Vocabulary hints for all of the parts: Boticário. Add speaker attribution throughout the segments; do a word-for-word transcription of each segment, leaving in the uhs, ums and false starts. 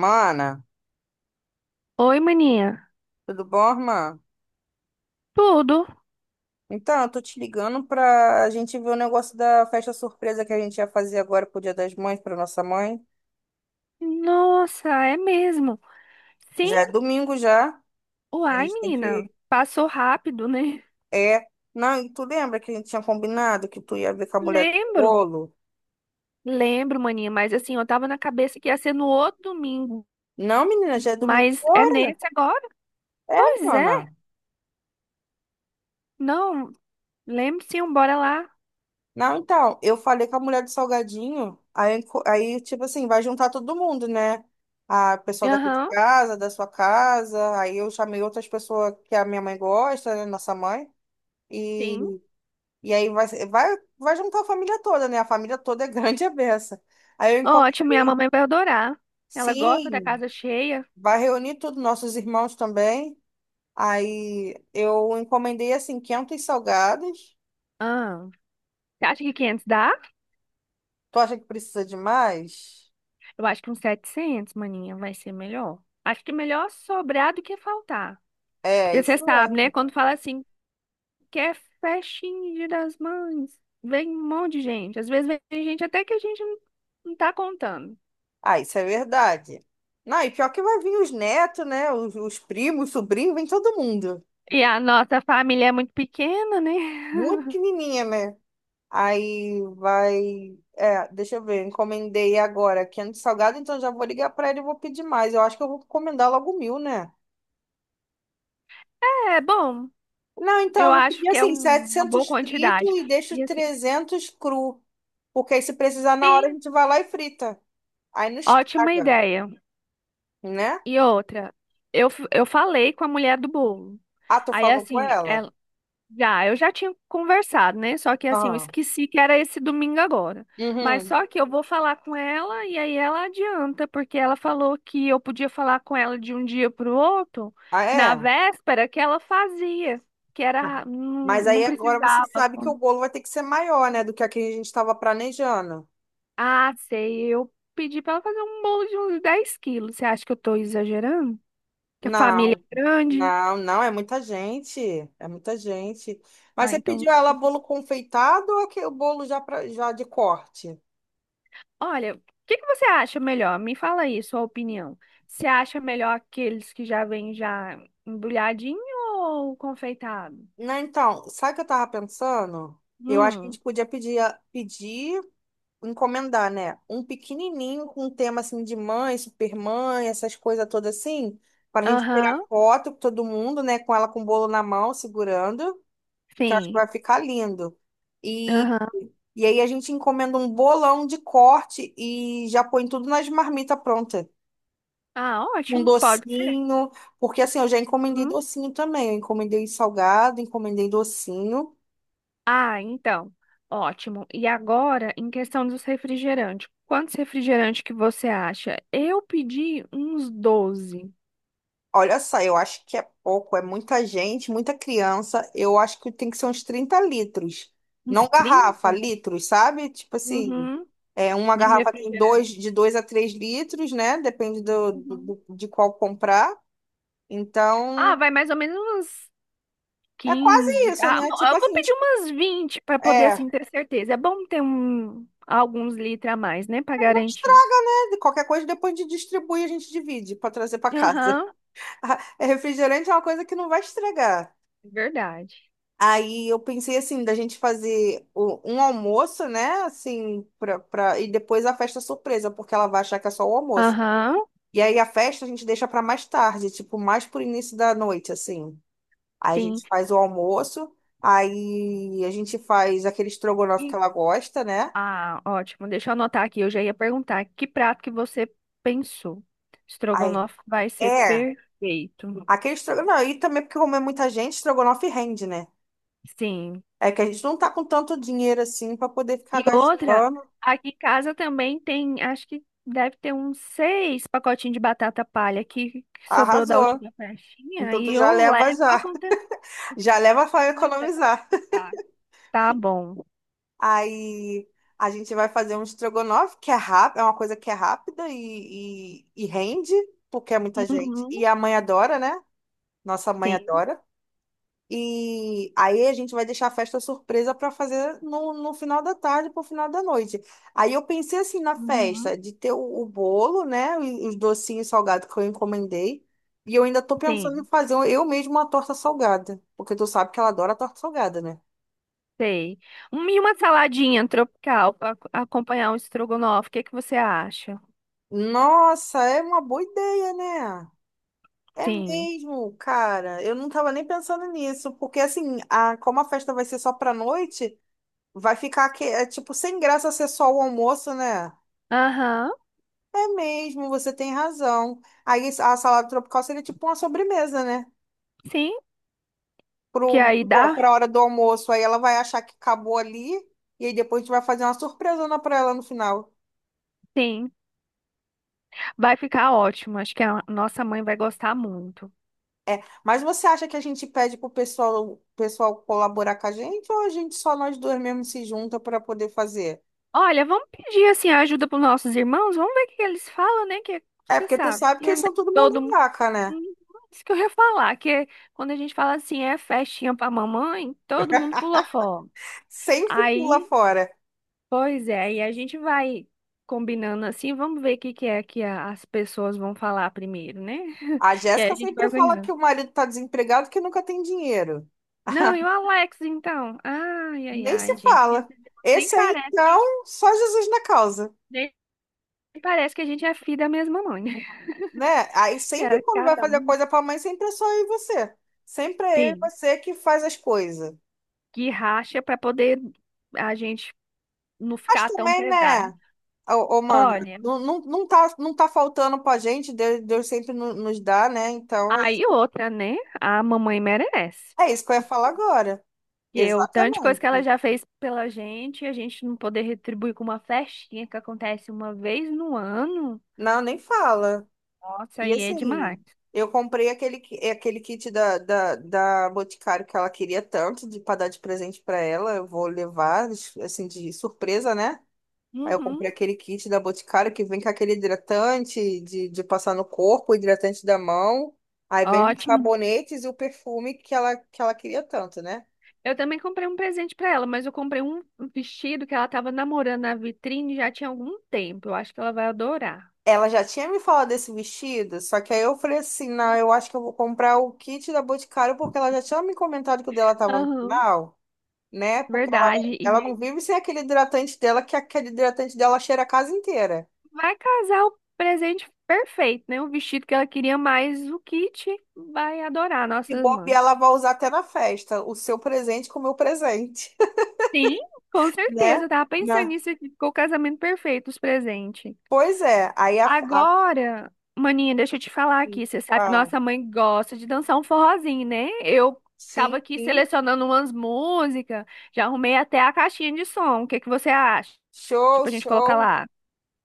Speaker 1: Mana,
Speaker 2: Oi, maninha.
Speaker 1: tudo bom, irmã?
Speaker 2: Tudo?
Speaker 1: Então, eu tô te ligando pra gente ver o negócio da festa surpresa que a gente ia fazer agora pro Dia das Mães, pra nossa mãe.
Speaker 2: Nossa, é mesmo. Sim?
Speaker 1: Já é domingo já. A
Speaker 2: Uai,
Speaker 1: gente tem
Speaker 2: menina.
Speaker 1: que.
Speaker 2: Passou rápido, né?
Speaker 1: É. Não, e tu lembra que a gente tinha combinado que tu ia ver com a mulher do
Speaker 2: Lembro.
Speaker 1: bolo?
Speaker 2: Lembro, maninha, mas assim, eu tava na cabeça que ia ser no outro domingo.
Speaker 1: Não, menina, já é domingo
Speaker 2: Mas é
Speaker 1: agora.
Speaker 2: nesse agora?
Speaker 1: É,
Speaker 2: Pois
Speaker 1: mana.
Speaker 2: é. Não, lembro sim, bora lá.
Speaker 1: Não, então, eu falei com a mulher do salgadinho, aí, enco- aí tipo assim, vai juntar todo mundo, né? A pessoa daqui de
Speaker 2: Aham,
Speaker 1: casa, da sua casa, aí eu chamei outras pessoas que a minha mãe gosta, né? Nossa mãe. E,
Speaker 2: sim.
Speaker 1: e aí vai, ser- vai, vai juntar a família toda, né? A família toda é grande e é beça. Aí eu
Speaker 2: Ótimo, minha
Speaker 1: encomendei,
Speaker 2: mamãe vai adorar. Ela gosta da
Speaker 1: sim,
Speaker 2: casa cheia.
Speaker 1: vai reunir tudo, nossos irmãos também. Aí eu encomendei, assim, quinhentos salgados.
Speaker 2: Ah, você acha que quinhentos dá?
Speaker 1: Tu acha que precisa de mais?
Speaker 2: Eu acho que uns setecentos, maninha, vai ser melhor. Acho que melhor sobrar do que faltar.
Speaker 1: É,
Speaker 2: Porque você
Speaker 1: isso é,
Speaker 2: sabe,
Speaker 1: né?
Speaker 2: né? Quando fala assim, que é festinha Dia das mães, vem um monte de gente. Às vezes vem gente até que a gente não, não tá contando.
Speaker 1: Ah, isso é verdade. Não, e pior que vai vir os netos, né? Os, os primos, sobrinhos, vem todo mundo.
Speaker 2: E a nossa família é muito pequena, né?
Speaker 1: Muito pequenininha, né? Aí vai. É, deixa eu ver, eu encomendei agora quente salgado, então já vou ligar pra ele e vou pedir mais. Eu acho que eu vou encomendar logo mil, né?
Speaker 2: É bom,
Speaker 1: Não, então
Speaker 2: eu
Speaker 1: eu vou
Speaker 2: acho
Speaker 1: pedir
Speaker 2: que é
Speaker 1: assim,
Speaker 2: um- uma boa
Speaker 1: setecentos
Speaker 2: quantidade.
Speaker 1: frito e deixo
Speaker 2: E assim,
Speaker 1: trezentos cru. Porque aí se precisar na hora a
Speaker 2: sim,
Speaker 1: gente vai lá e frita. Aí não
Speaker 2: ótima
Speaker 1: estraga,
Speaker 2: ideia.
Speaker 1: né?
Speaker 2: E outra, eu, f- eu falei com a mulher do bolo.
Speaker 1: Ah, tu
Speaker 2: Aí
Speaker 1: falou com
Speaker 2: assim,
Speaker 1: ela?
Speaker 2: ela. Já, eu já tinha conversado, né? Só que assim, eu
Speaker 1: Aham.
Speaker 2: esqueci que era esse domingo agora. Mas
Speaker 1: Uhum.
Speaker 2: só que eu vou falar com ela e aí ela adianta, porque ela falou que eu podia falar com ela de um dia para o outro,
Speaker 1: Ah,
Speaker 2: na
Speaker 1: é?
Speaker 2: véspera que ela fazia, que era ra- não,
Speaker 1: Mas
Speaker 2: não
Speaker 1: aí agora você
Speaker 2: precisava.
Speaker 1: sabe que o bolo vai ter que ser maior, né, do que a que a gente estava planejando.
Speaker 2: Ah, sei, eu pedi para ela fazer um bolo de uns dez quilos. Você acha que eu tô exagerando? Que a família
Speaker 1: Não,
Speaker 2: é grande?
Speaker 1: não, não, é muita gente, é muita gente. Mas
Speaker 2: Ah,
Speaker 1: você
Speaker 2: então.
Speaker 1: pediu ela bolo confeitado ou aquele bolo já, pra, já de corte?
Speaker 2: Olha, o que que você acha melhor? Me fala aí sua opinião. Você acha melhor aqueles que já vêm já embrulhadinho ou confeitado?
Speaker 1: Não, então, sabe o que eu tava pensando? Eu acho que a
Speaker 2: Hum,
Speaker 1: gente podia pedir, a- pedir, encomendar, né? Um pequenininho com um tema assim de mãe, supermãe, essas coisas todas assim, para a gente
Speaker 2: aham,
Speaker 1: tirar foto com todo mundo, né? Com ela com o bolo na mão, segurando, que eu acho que vai
Speaker 2: sim,
Speaker 1: ficar lindo. E,
Speaker 2: aham.
Speaker 1: e aí a gente encomenda um bolão de corte e já põe tudo nas marmitas pronta.
Speaker 2: Ah,
Speaker 1: Um
Speaker 2: ótimo, pode ser.
Speaker 1: docinho, porque assim, eu já encomendei
Speaker 2: Hum.
Speaker 1: docinho também. Eu encomendei salgado, encomendei docinho.
Speaker 2: Ah, então, ótimo. E agora, em questão dos refrigerantes, quantos refrigerantes que você acha? Eu pedi uns doze,
Speaker 1: Olha só, eu acho que é pouco, é muita gente, muita criança. Eu acho que tem que ser uns trinta litros.
Speaker 2: uns
Speaker 1: Não garrafa,
Speaker 2: trinta
Speaker 1: litros, sabe? Tipo assim,
Speaker 2: uhum,
Speaker 1: é, uma
Speaker 2: de
Speaker 1: garrafa tem dois,
Speaker 2: refrigerante.
Speaker 1: de dois a três litros, né? Depende do, do-
Speaker 2: Uhum.
Speaker 1: do- de qual comprar.
Speaker 2: Ah,
Speaker 1: Então,
Speaker 2: vai mais ou menos uns
Speaker 1: é quase
Speaker 2: quinze,
Speaker 1: isso,
Speaker 2: Ah,
Speaker 1: né?
Speaker 2: bom,
Speaker 1: Tipo
Speaker 2: eu vou
Speaker 1: assim,
Speaker 2: pedir
Speaker 1: os-
Speaker 2: umas vinte para poder
Speaker 1: é,
Speaker 2: assim ter certeza. É bom ter um alguns litros a mais, né, para
Speaker 1: não
Speaker 2: garantir.
Speaker 1: estraga. Qualquer coisa depois de distribuir, a gente divide para trazer para casa.
Speaker 2: Aham,
Speaker 1: É, refrigerante é uma coisa que não vai estragar.
Speaker 2: verdade.
Speaker 1: Aí eu pensei assim, da gente fazer o- um almoço, né? Assim, pra, pra, e depois a festa surpresa, porque ela vai achar que é só o almoço.
Speaker 2: Aham,
Speaker 1: E aí a festa a gente deixa para mais tarde, tipo, mais pro início da noite, assim. Aí a
Speaker 2: sim.
Speaker 1: gente faz o almoço, aí a gente faz aquele estrogonofe que
Speaker 2: E-
Speaker 1: ela gosta, né?
Speaker 2: ah, ótimo. Deixa eu anotar aqui. Eu já ia perguntar que prato que você pensou.
Speaker 1: Aí.
Speaker 2: Estrogonofe vai ser
Speaker 1: É,
Speaker 2: perfeito.
Speaker 1: aquele estrogonofe. E também porque como é muita gente, estrogonofe rende, né?
Speaker 2: Sim.
Speaker 1: É que a gente não tá com tanto dinheiro assim pra poder ficar
Speaker 2: E outra,
Speaker 1: gastando.
Speaker 2: aqui em casa também tem, acho que deve ter uns seis pacotinhos de batata palha que, que sobrou da
Speaker 1: Arrasou.
Speaker 2: última festinha
Speaker 1: Então
Speaker 2: e
Speaker 1: tu já
Speaker 2: eu
Speaker 1: leva
Speaker 2: levo pra
Speaker 1: já.
Speaker 2: conta
Speaker 1: Já leva pra
Speaker 2: completa.
Speaker 1: economizar.
Speaker 2: Tá tá bom.
Speaker 1: Aí a gente vai fazer um estrogonofe que é rápido, é uma coisa que é rápida e, e, e rende, porque é muita gente.
Speaker 2: Uhum,
Speaker 1: E a mãe adora, né? Nossa mãe
Speaker 2: sim.
Speaker 1: adora. E aí a gente vai deixar a festa surpresa para fazer no, no final da tarde para o final da noite. Aí eu pensei assim na
Speaker 2: Uhum,
Speaker 1: festa de ter o, o bolo, né? E os docinhos salgados que eu encomendei. E eu ainda tô pensando em
Speaker 2: sim.
Speaker 1: fazer um, eu mesma uma torta salgada. Porque tu sabe que ela adora torta salgada, né?
Speaker 2: Sei. Um- E uma saladinha tropical para acompanhar um estrogonofe. O que que você acha?
Speaker 1: Nossa, é uma boa ideia, né? É
Speaker 2: Sim.
Speaker 1: mesmo, cara. Eu não tava nem pensando nisso, porque assim, a, como a festa vai ser só pra noite, vai ficar que, é, tipo sem graça ser só o almoço, né?
Speaker 2: Aham.
Speaker 1: É mesmo, você tem razão. Aí a salada tropical seria tipo uma sobremesa, né?
Speaker 2: Sim. Que
Speaker 1: Pro,
Speaker 2: aí dá?
Speaker 1: pra hora do almoço. Aí ela vai achar que acabou ali, e aí depois a gente vai fazer uma surpresona pra ela no final.
Speaker 2: Sim. Vai ficar ótimo. Acho que a nossa mãe vai gostar muito.
Speaker 1: É, mas você acha que a gente pede pro pessoal, pessoal colaborar com a gente ou a gente só nós dois mesmo se junta pra poder fazer?
Speaker 2: Olha, vamos pedir assim a ajuda para os nossos irmãos, vamos ver o que que eles falam, né? Que
Speaker 1: É,
Speaker 2: você
Speaker 1: porque tu
Speaker 2: sabe,
Speaker 1: sabe
Speaker 2: que
Speaker 1: que
Speaker 2: é
Speaker 1: eles
Speaker 2: né,
Speaker 1: são todo mão
Speaker 2: todo
Speaker 1: de
Speaker 2: mundo.
Speaker 1: vaca, né?
Speaker 2: Hum, Isso que eu ia falar, que é quando a gente fala assim, é festinha para mamãe, todo mundo pula fora.
Speaker 1: Sempre pula
Speaker 2: Aí,
Speaker 1: fora.
Speaker 2: pois é, aí a gente vai combinando assim, vamos ver o que que é que a- as pessoas vão falar primeiro, né?
Speaker 1: A
Speaker 2: Que aí a
Speaker 1: Jéssica
Speaker 2: gente vai
Speaker 1: sempre fala que
Speaker 2: organizando.
Speaker 1: o marido tá desempregado, que nunca tem dinheiro.
Speaker 2: Não, e o Alex, então? Ai, ai,
Speaker 1: Nem se
Speaker 2: ai, gente, esses
Speaker 1: fala.
Speaker 2: irmãos nem
Speaker 1: Esse aí,
Speaker 2: parece,
Speaker 1: então,
Speaker 2: que-
Speaker 1: só Jesus na causa,
Speaker 2: nem parece que a gente é filho da mesma mãe, né?
Speaker 1: né? Aí
Speaker 2: Que
Speaker 1: sempre
Speaker 2: era
Speaker 1: quando vai
Speaker 2: cada
Speaker 1: fazer
Speaker 2: um
Speaker 1: coisa pra mãe, sempre é só eu e você. Sempre é eu e você que faz as coisas.
Speaker 2: que racha para poder a gente não
Speaker 1: Mas
Speaker 2: ficar tão
Speaker 1: também,
Speaker 2: pesada.
Speaker 1: né? Ô, ô, mano,
Speaker 2: Olha,
Speaker 1: não, não, não tá, não tá faltando pra gente, Deus, Deus sempre no- nos dá, né? Então,
Speaker 2: aí outra, né? A mamãe merece.
Speaker 1: é isso que eu ia falar agora.
Speaker 2: Que eu, tanto de coisa
Speaker 1: Exatamente.
Speaker 2: que ela já fez pela gente, a gente não poder retribuir com uma festinha que acontece uma vez no ano.
Speaker 1: Não, nem fala.
Speaker 2: Nossa,
Speaker 1: E
Speaker 2: aí é demais.
Speaker 1: assim, eu comprei aquele, ki- é aquele kit da, da, da Boticário que ela queria tanto, de, pra dar de presente pra ela. Eu vou levar, assim, de surpresa, né? Aí eu
Speaker 2: Uhum,
Speaker 1: comprei aquele kit da Boticário que vem com aquele hidratante de, de passar no corpo, hidratante da mão. Aí vem os
Speaker 2: ótimo.
Speaker 1: sabonetes e o perfume que ela, que ela queria tanto, né?
Speaker 2: Eu também comprei um presente para ela, mas eu comprei um vestido que ela estava namorando na vitrine já tinha algum tempo. Eu acho que ela vai adorar.
Speaker 1: Ela já tinha me falado desse vestido, só que aí eu falei assim, não, eu acho que eu vou comprar o kit da Boticário porque ela já tinha me comentado que o dela tava no
Speaker 2: Aham,
Speaker 1: final, né? Porque ela,
Speaker 2: verdade.
Speaker 1: ela não
Speaker 2: E
Speaker 1: vive sem aquele hidratante dela, que aquele hidratante dela cheira a casa inteira.
Speaker 2: vai casar o presente perfeito, né? O vestido que ela queria, mais o Kit vai adorar,
Speaker 1: E
Speaker 2: nossa
Speaker 1: bobear,
Speaker 2: mãe.
Speaker 1: ela vai usar até na festa, o seu presente com o meu presente,
Speaker 2: Sim, com
Speaker 1: né?
Speaker 2: certeza. Eu tava pensando
Speaker 1: Né?
Speaker 2: nisso aqui. Ficou o casamento perfeito, os presentes.
Speaker 1: Pois é, aí a, a-
Speaker 2: Agora, maninha, deixa eu te falar aqui. Você sabe que
Speaker 1: a-
Speaker 2: nossa mãe gosta de dançar um forrozinho, né? Eu tava
Speaker 1: sim,
Speaker 2: aqui
Speaker 1: sim,
Speaker 2: selecionando umas músicas, já arrumei até a caixinha de som. O que que você acha?
Speaker 1: show,
Speaker 2: Tipo, a gente colocar
Speaker 1: show.
Speaker 2: lá.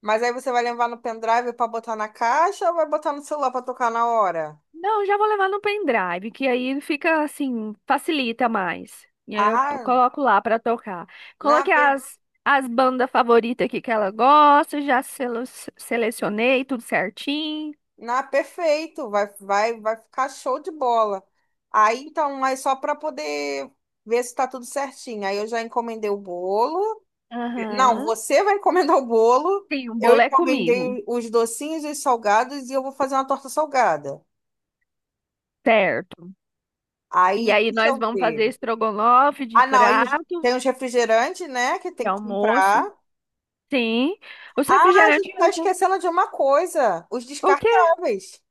Speaker 1: Mas aí você vai levar no pendrive para botar na caixa ou vai botar no celular para tocar na hora?
Speaker 2: Não, já vou levar no pendrive, que aí fica assim, facilita mais. E aí eu p-
Speaker 1: Ah,
Speaker 2: coloco lá pra tocar.
Speaker 1: não,
Speaker 2: Coloquei as, as bandas favoritas aqui que ela gosta, já selo- selecionei tudo certinho.
Speaker 1: na, perfeito, vai, vai, vai ficar show de bola. Aí então é só para poder ver se está tudo certinho. Aí eu já encomendei o bolo. Não,
Speaker 2: Aham.
Speaker 1: você vai encomendar o bolo.
Speaker 2: Sim, o
Speaker 1: Eu
Speaker 2: bolo é comigo,
Speaker 1: encomendei os docinhos e os salgados e eu vou fazer uma torta salgada.
Speaker 2: certo? E
Speaker 1: Aí
Speaker 2: aí
Speaker 1: deixa
Speaker 2: nós
Speaker 1: eu
Speaker 2: vamos fazer
Speaker 1: ver.
Speaker 2: estrogonofe de
Speaker 1: Ah, não, aí os-
Speaker 2: prato,
Speaker 1: tem os refrigerantes, né, que tem
Speaker 2: de
Speaker 1: que comprar.
Speaker 2: almoço. Sim. Os
Speaker 1: Ah, a
Speaker 2: refrigerantes,
Speaker 1: gente tá
Speaker 2: eu já.
Speaker 1: esquecendo de uma coisa, os
Speaker 2: O quê?
Speaker 1: descartáveis.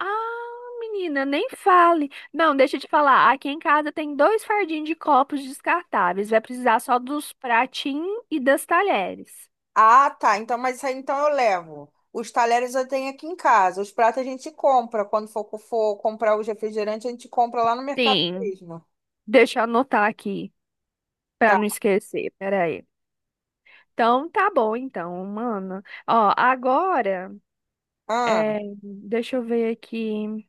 Speaker 2: Ah, menina, nem fale. Não, deixa eu te falar. Aqui em casa tem dois fardinhos de copos descartáveis. Vai precisar só dos pratinhos e das talheres.
Speaker 1: Ah, tá. Então, mas isso aí então eu levo. Os talheres eu tenho aqui em casa. Os pratos a gente compra. Quando for, for comprar os refrigerantes, a gente compra lá no mercado
Speaker 2: Sim,
Speaker 1: mesmo.
Speaker 2: deixa eu anotar aqui pra
Speaker 1: Tá.
Speaker 2: não esquecer. Peraí. Então, tá bom, então, mano. Ó, agora,
Speaker 1: Ah.
Speaker 2: é, deixa eu ver aqui.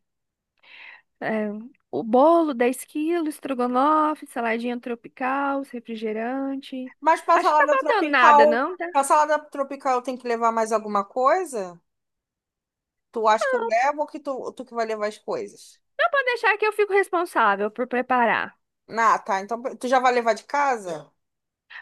Speaker 2: É, o bolo, dez quilos, estrogonofe, saladinha tropical, refrigerante.
Speaker 1: Mas pra
Speaker 2: Acho que tá
Speaker 1: salada
Speaker 2: faltando nada,
Speaker 1: tropical,
Speaker 2: não? Tá?
Speaker 1: pra salada tropical eu tenho que levar mais alguma coisa? Tu acha que eu levo ou que tu, tu que vai levar as coisas?
Speaker 2: Pode deixar que eu fico responsável por preparar.
Speaker 1: Ah, tá. Então tu já vai levar de casa?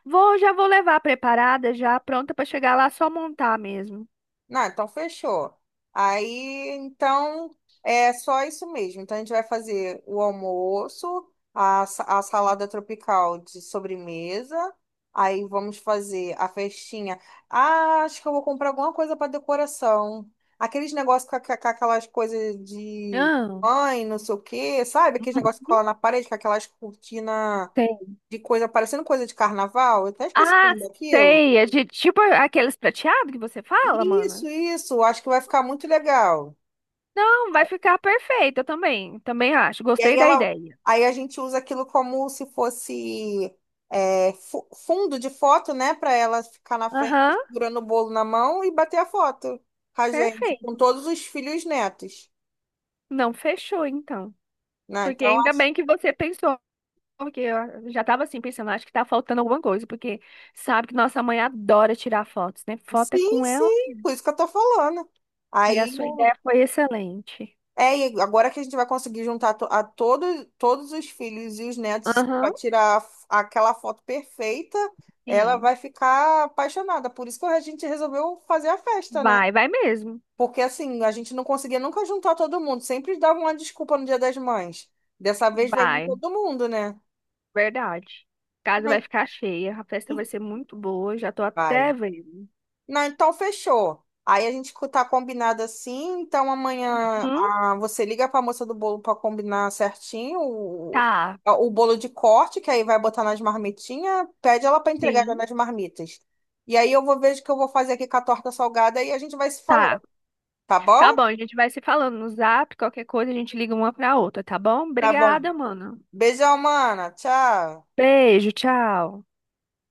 Speaker 2: Vou, já vou levar preparada, já pronta para chegar lá, só montar mesmo.
Speaker 1: Não, então fechou. Aí, então, é só isso mesmo. Então, a gente vai fazer o almoço, a, sa- a salada tropical de sobremesa. Aí, vamos fazer a festinha. Ah, acho que eu vou comprar alguma coisa para decoração. Aqueles negócios com, a- com aquelas coisas de
Speaker 2: Ah,
Speaker 1: mãe, não sei o quê, sabe? Aqueles negócios que
Speaker 2: não
Speaker 1: cola na parede, com aquelas cortinas
Speaker 2: sei.
Speaker 1: de coisa, parecendo coisa de carnaval. Eu até esqueci o
Speaker 2: Ah,
Speaker 1: nome daquilo.
Speaker 2: sei, é de tipo aqueles prateados que você fala,
Speaker 1: Isso,
Speaker 2: mana.
Speaker 1: isso. Acho que vai ficar muito legal.
Speaker 2: Não, vai ficar perfeito, eu também, também acho.
Speaker 1: E aí
Speaker 2: Gostei da
Speaker 1: ela,
Speaker 2: ideia.
Speaker 1: aí a gente usa aquilo como se fosse é, fu- fundo de foto, né? Para ela ficar na frente,
Speaker 2: Aham,
Speaker 1: segurando o bolo na mão e bater a foto com a gente, com
Speaker 2: perfeito.
Speaker 1: todos os filhos e netos,
Speaker 2: Não, fechou então.
Speaker 1: né?
Speaker 2: Porque
Speaker 1: Então, a-
Speaker 2: ainda bem que você pensou, porque eu já tava assim pensando, acho que tá faltando alguma coisa, porque sabe que nossa mãe adora tirar fotos, né? Foto é
Speaker 1: sim,
Speaker 2: com ela.
Speaker 1: sim, por isso que eu tô falando.
Speaker 2: E a
Speaker 1: Aí,
Speaker 2: sua ideia foi excelente.
Speaker 1: é, e agora que a gente vai conseguir juntar to- a todos, todos os filhos e os netos para
Speaker 2: Aham,
Speaker 1: tirar a f- aquela foto perfeita, ela
Speaker 2: sim.
Speaker 1: vai ficar apaixonada. Por isso que a gente resolveu fazer a festa, né?
Speaker 2: Vai, vai mesmo.
Speaker 1: Porque assim, a gente não conseguia nunca juntar todo mundo. Sempre dava uma desculpa no Dia das Mães. Dessa vez vai vir
Speaker 2: Vai,
Speaker 1: todo mundo, né?
Speaker 2: verdade. A casa vai
Speaker 1: Mas-
Speaker 2: ficar cheia, a festa vai ser muito boa, já tô
Speaker 1: Vai.
Speaker 2: até vendo.
Speaker 1: Não, então fechou. Aí a gente co- tá combinado assim, então amanhã,
Speaker 2: Hum,
Speaker 1: ah, você liga pra moça do bolo pra combinar certinho o,
Speaker 2: tá,
Speaker 1: a- o bolo de corte, que aí vai botar nas marmitinhas, pede ela pra entregar já
Speaker 2: sim,
Speaker 1: nas marmitas. E aí eu vou ver o que eu vou fazer aqui com a torta salgada e a gente vai se falando,
Speaker 2: tá.
Speaker 1: tá bom?
Speaker 2: Tá bom, a gente vai se falando no Zap, qualquer coisa a gente liga uma pra outra, tá bom?
Speaker 1: Tá bom.
Speaker 2: Obrigada, mano.
Speaker 1: Beijão, mana. Tchau.
Speaker 2: Beijo, tchau.